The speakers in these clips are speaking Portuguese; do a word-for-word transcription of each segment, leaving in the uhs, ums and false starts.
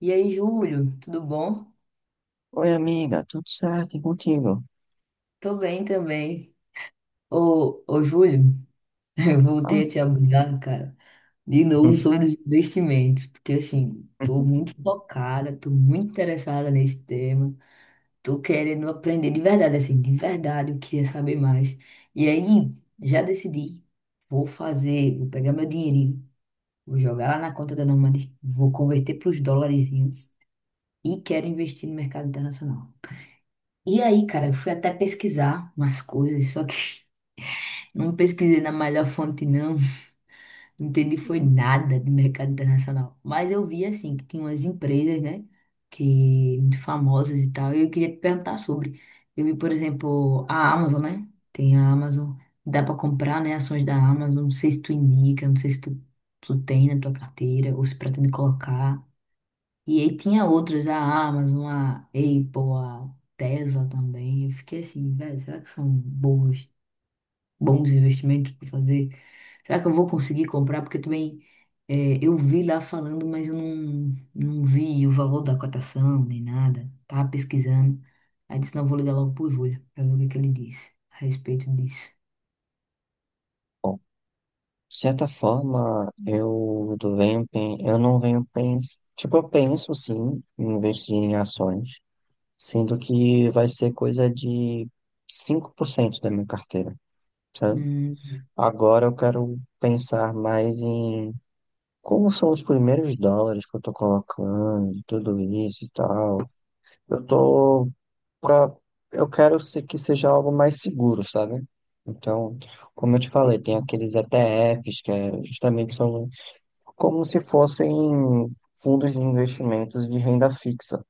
E aí, Júlio, tudo bom? Oi, amiga, tudo certo e contigo? Tô bem também. Ô, ô Júlio, eu voltei Ah. a te abordar, cara, de novo sobre os investimentos, porque assim, tô muito focada, tô muito interessada nesse tema, tô querendo aprender de verdade, assim, de verdade, eu queria saber mais. E aí, já decidi, vou fazer, vou pegar meu dinheirinho, vou jogar lá na conta da Nomad, vou converter para os dolarizinhos e quero investir no mercado internacional. E aí, cara, eu fui até pesquisar umas coisas, só que não pesquisei na melhor fonte, não. Não entendi foi nada de mercado internacional. Mas eu vi, assim, que tinha umas empresas, né, que muito famosas e tal, e eu queria te perguntar sobre. Eu vi, por exemplo, a Amazon, né? Tem a Amazon, dá pra comprar, né, ações da Amazon. Não sei se tu indica, não sei se tu, tu tem na tua carteira ou se pretende colocar. E aí tinha outras, a Amazon, a Apple, a Tesla também. Eu fiquei assim, velho, será que são bons, bons investimentos para fazer? Será que eu vou conseguir comprar? Porque também eh, eu vi lá falando, mas eu não, não vi o valor da cotação nem nada. Tava pesquisando. Aí disse, não, vou ligar logo pro Júlio para ver o que é que ele disse a respeito disso. Bom, de certa forma, eu do- venho, pen- eu não venho pensando. Tipo, eu penso sim em investir em ações, sendo que vai ser coisa de cinco por cento da minha carteira, sabe? Hum, Agora eu quero pensar mais em como são os primeiros dólares que eu tô colocando, tudo isso e tal. Eu tô pra, eu quero se- que seja algo mais seguro, sabe? Então, como eu te falei, tem aqueles E T Fs que é, justamente são como se fossem fundos de investimentos de renda fixa,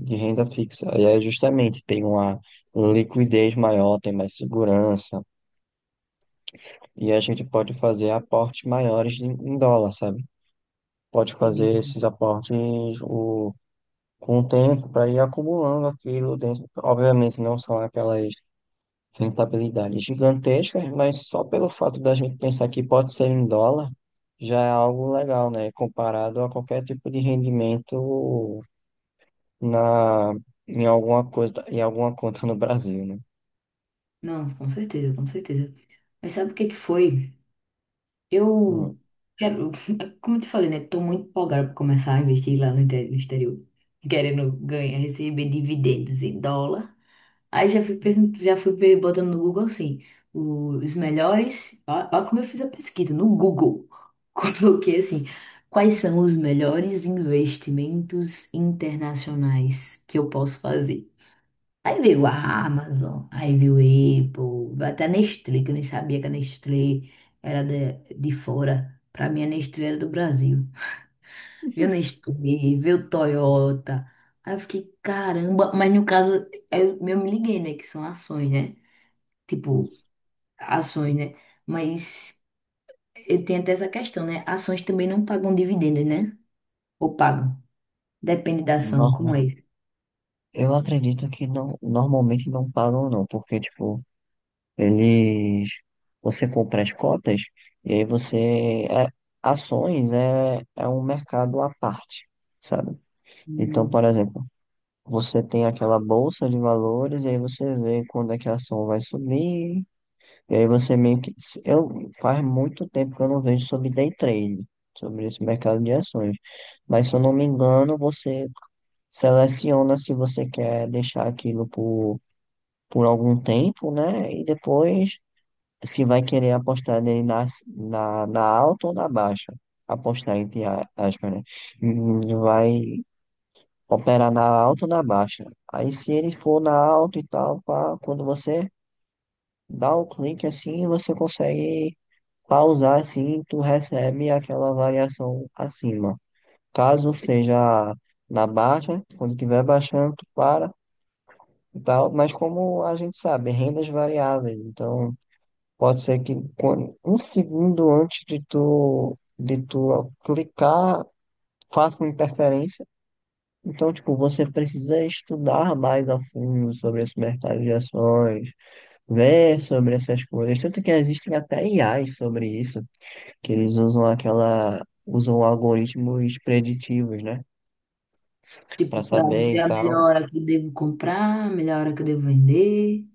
de renda fixa. E aí justamente tem uma liquidez maior, tem mais segurança, e a gente pode fazer aportes maiores em em dólar, sabe? Pode entendi. fazer esses aportes o, com o tempo para ir acumulando aquilo dentro. Obviamente não são aquelas rentabilidade gigantesca, mas só pelo fato da gente pensar que pode ser em dólar, já é algo legal, né? Comparado a qualquer tipo de rendimento na, em alguma coisa, em alguma conta no Brasil, né? Não, com certeza, com certeza. Mas sabe o que que foi? Hum, Eu quero, como eu te falei, né? Tô muito empolgada para começar a investir lá no inte- no exterior, querendo ganhar, receber dividendos em dólar. Aí já fui, pergun- já fui pe- botando no Google assim, o- os melhores. Olha como eu fiz a pesquisa no Google. Coloquei assim, quais são os melhores investimentos internacionais que eu posso fazer? Aí veio a Amazon, aí veio a Apple, até a Nestlé, que eu nem sabia que a Nestlé era de, de fora. Pra mim, a Nestlé era do Brasil. Veio a Nestlé, veio a Toyota. Aí eu fiquei, caramba, mas no caso, eu, eu me liguei, né? Que são ações, né? Tipo, isso. ações, né? Mas eu tenho até essa questão, né? Ações também não pagam dividendos, né? Ou pagam? Depende da ação, como Norma- é isso? eu acredito que não, normalmente não pagam não, porque, tipo, eles, você compra as cotas e aí você, é, ações é, é um mercado à parte, sabe? Então, por Hum. exemplo, você tem aquela bolsa de valores, e aí você vê quando é que a ação vai subir, e aí você meio que. Eu, faz muito tempo que eu não vejo sobre day trade, sobre esse mercado de ações. Mas se eu não me engano, você seleciona se você quer deixar aquilo por, por algum tempo, né? E depois se vai querer apostar nele na, na, na alta ou na baixa. Apostar entre a- aspas, né? E vai operar na alta ou na baixa. Aí se ele for na alta e tal, pá, quando você dá o clique assim, você consegue pausar assim, tu recebe aquela variação acima. Caso seja na baixa, quando estiver baixando, tu para e tal, mas como a gente sabe, rendas variáveis, então pode ser que quando- um segundo antes de tu de tu clicar faça uma interferência. Então, tipo, você precisa estudar mais a fundo sobre esse mercado de ações, ver sobre essas coisas. Tanto que existem até I As sobre isso, que eles usam aquela, usam algoritmos preditivos, né? Tipo, Para pra saber dizer e a melhor tal. hora que eu devo comprar, a melhor hora que eu devo vender.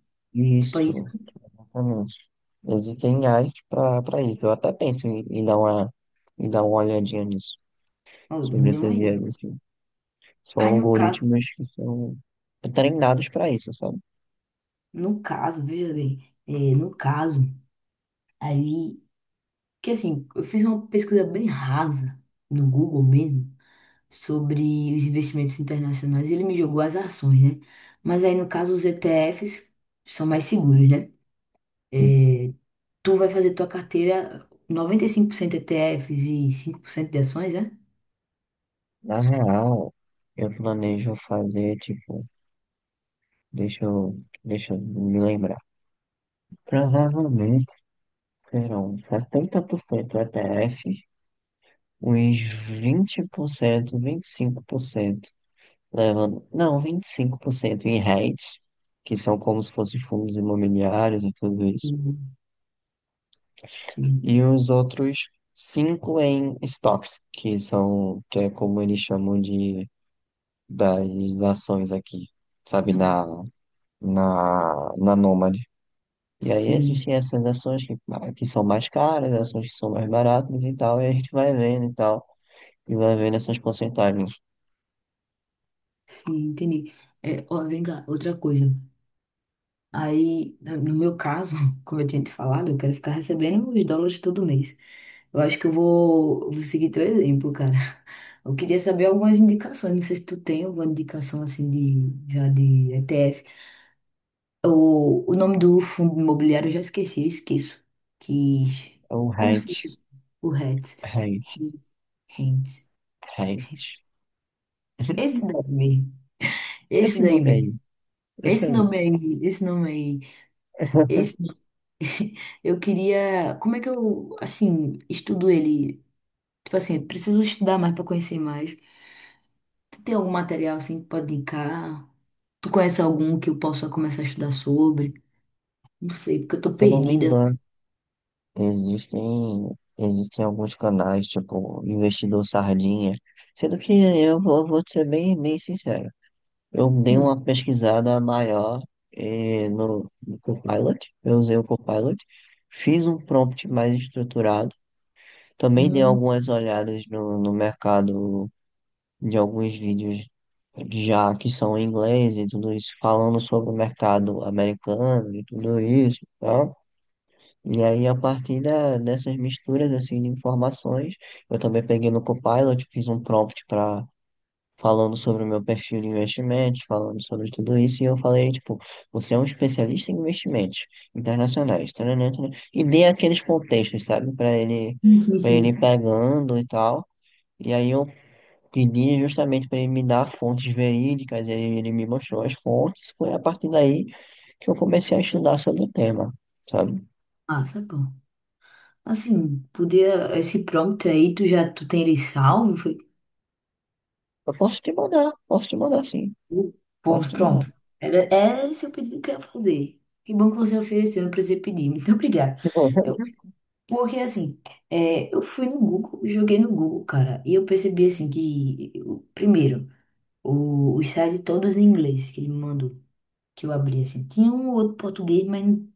Tipo, é isso. Isso, exatamente. Existem I As para para isso. Eu até penso em, em dar uma, em dar uma olhadinha nisso, Oh, me sobre deu essas uma I As, dica. assim. São Aí, no caso, algoritmos que são treinados para isso, sabe? no caso, veja bem, é, no caso, aí, que assim, eu fiz uma pesquisa bem rasa no Google mesmo sobre os investimentos internacionais e ele me jogou as ações, né? Mas aí, no caso, os E T Fs são mais seguros, né? É, tu vai fazer tua carteira noventa e cinco por cento E T Fs e T Fs e cinco por cento de ações, né? Na real, eu planejo fazer, tipo, deixa eu, deixa eu me lembrar. Provavelmente serão setenta por cento E T F, uns vinte vinte por cento vinte e cinco por cento levando, não, vinte e cinco por cento em REITs, que são como se fossem fundos imobiliários e tudo isso. Uhum. Sim. E os outros cinco em estoques que são, que é como eles chamam de, das ações aqui, sabe, Ações. da na, na Nômade. E aí Sim, existem essas ações que, ah, que são mais caras, ações que são mais baratas e tal, e a gente vai vendo e tal, e vai vendo essas porcentagens. sim, entendi. É, ó, vem cá, outra coisa. Aí, na- no meu caso, como eu tinha te falado, eu quero ficar recebendo os dólares todo mês. Eu acho que eu vou, vou seguir teu exemplo, cara. Eu queria saber algumas indicações. Não sei se tu tem alguma indicação assim de, já de E T F. O, o nome do fundo imobiliário eu já esqueci, eu esqueço. Que, É o como se rate, fosse o REITs. rate, REITs. REITs. rate. Esse daí mesmo. Esse Esse daí nome aí, mesmo. esse Esse aí. nome aí, esse nome aí. Esse, eu queria. Como é que eu, assim, estudo ele? Tipo assim, eu preciso estudar mais para conhecer mais. Tu tem algum material, assim, que pode indicar? Tu conhece algum que eu possa começar a estudar sobre? Não sei, porque eu tô Se eu não me perdida. engano, existem, existem alguns canais, tipo Investidor Sardinha, sendo que eu vou, eu vou ser bem, bem sincero. Eu dei Hum, uma pesquisada maior eh, no, no Copilot, eu usei o Copilot, fiz um prompt mais estruturado, também dei hum, algumas olhadas no, no mercado de alguns vídeos já que são em inglês e tudo isso, falando sobre o mercado americano e tudo isso, tá? E aí, a partir da, dessas misturas assim, de informações, eu também peguei no Copilot, fiz um prompt para falando sobre o meu perfil de investimentos, falando sobre tudo isso, e eu falei, tipo, você é um especialista em investimentos internacionais, taranã, taranã, e dei aqueles contextos, sabe, para ele, hum, sim, para sim, ele ir sim. pegando e tal, e aí eu pedi justamente para ele me dar fontes verídicas, e aí ele me mostrou as fontes, foi a partir daí que eu comecei a estudar sobre o tema, sabe? Ah, sabe bom. Assim, podia. Esse prompt aí, tu já tu tem ele salvo? Foi? Eu posso te mandar, posso te mandar sim, Uh, Bom, posso te mandar pronto. Era, era esse o pedido que eu ia fazer. Que bom que você ofereceu, não precisei pedir. Muito obrigada. Porque assim, é, eu fui no Google, joguei no Google, cara, e eu percebi assim que, o- primeiro, o, os sites todos em inglês que ele mandou, que eu abri assim, tinha um ou outro português, mas não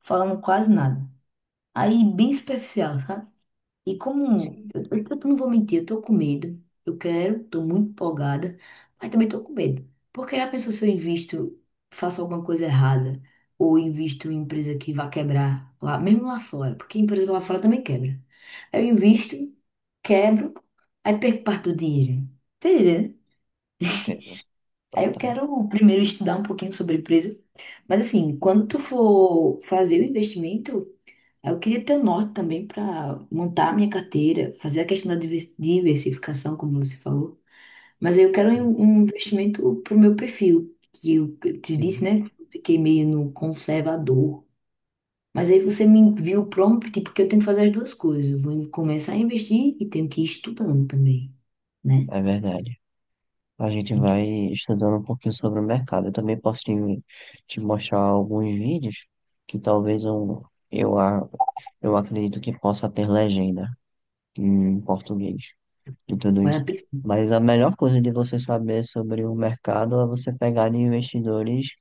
falando quase nada. Aí, bem superficial, sabe? E como eu, eu- eu não vou mentir, eu tô com medo. Eu quero, tô muito empolgada, mas também tô com medo. Porque a pessoa, se eu invisto, faço alguma coisa errada, ou invisto em empresa que vai quebrar lá, mesmo lá fora, porque empresa lá fora também quebra. Aí eu invisto, quebro, aí perco parte do dinheiro. Entendeu? Entendo, Aí eu total, quero primeiro estudar um pouquinho sobre a empresa. Mas assim, quando tu for fazer o investimento, eu queria ter o norte também para montar a minha carteira, fazer a questão da divers- diversificação, como você falou. Mas aí eu quero um um investimento para o meu perfil, que eu que eu te disse, sim, né? Que eu fiquei meio no conservador. Mas aí você me enviou o prompt, porque eu tenho que fazer as duas coisas. Eu vou começar a investir e tenho que ir estudando também, né? é verdade. A gente vai estudando um pouquinho sobre o mercado. Eu também posso te, te mostrar alguns vídeos que talvez eu, eu, a- eu acredito que possa ter legenda em português e tudo Vai isso. apre- Mas a melhor coisa de você saber sobre o mercado é você pegar de investidores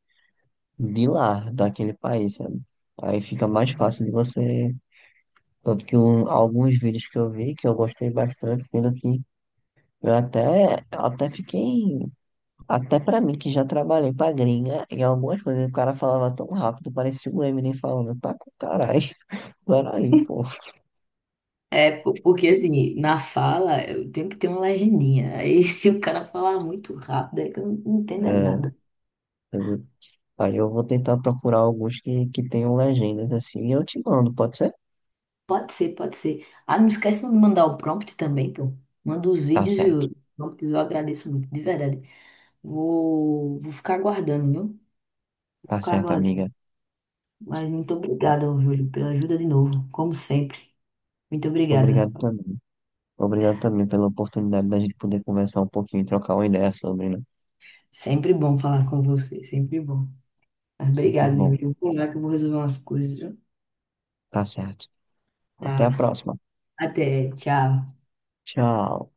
de lá, daquele país, sabe? Aí fica mais fácil de você. Tanto que um- alguns vídeos que eu vi que eu gostei bastante, pelo que eu até, até fiquei. Até pra mim, que já trabalhei pra gringa, em algumas coisas o cara falava tão rápido, parecia o Eminem falando, tá com caralho, peraí, pô. É, po- porque assim, na fala eu tenho que ter uma legendinha. Aí se o cara falar muito rápido, é que eu não entendo é É, nada. eu- aí eu vou tentar procurar alguns que, que tenham legendas assim e eu te mando, pode ser? Pode ser, pode ser. Ah, não esquece de mandar o prompt também, pô. Manda os Tá vídeos e certo, o prompt, eu agradeço muito, de verdade. Vou, vou ficar aguardando, viu? Vou tá ficar certo, amiga. aguardando. Mas muito obrigada, Júlio, pela ajuda de novo, como sempre. Muito obrigada. Obrigado também. Obrigado também pela oportunidade da gente poder conversar um pouquinho e trocar uma ideia sobre, né? Sempre bom falar com você, sempre bom. Mas Sempre obrigado, bom. Júlio. Vou lá que eu vou resolver umas coisas, viu? Tá certo. Até a Tá. próxima. Até, tchau. Tchau.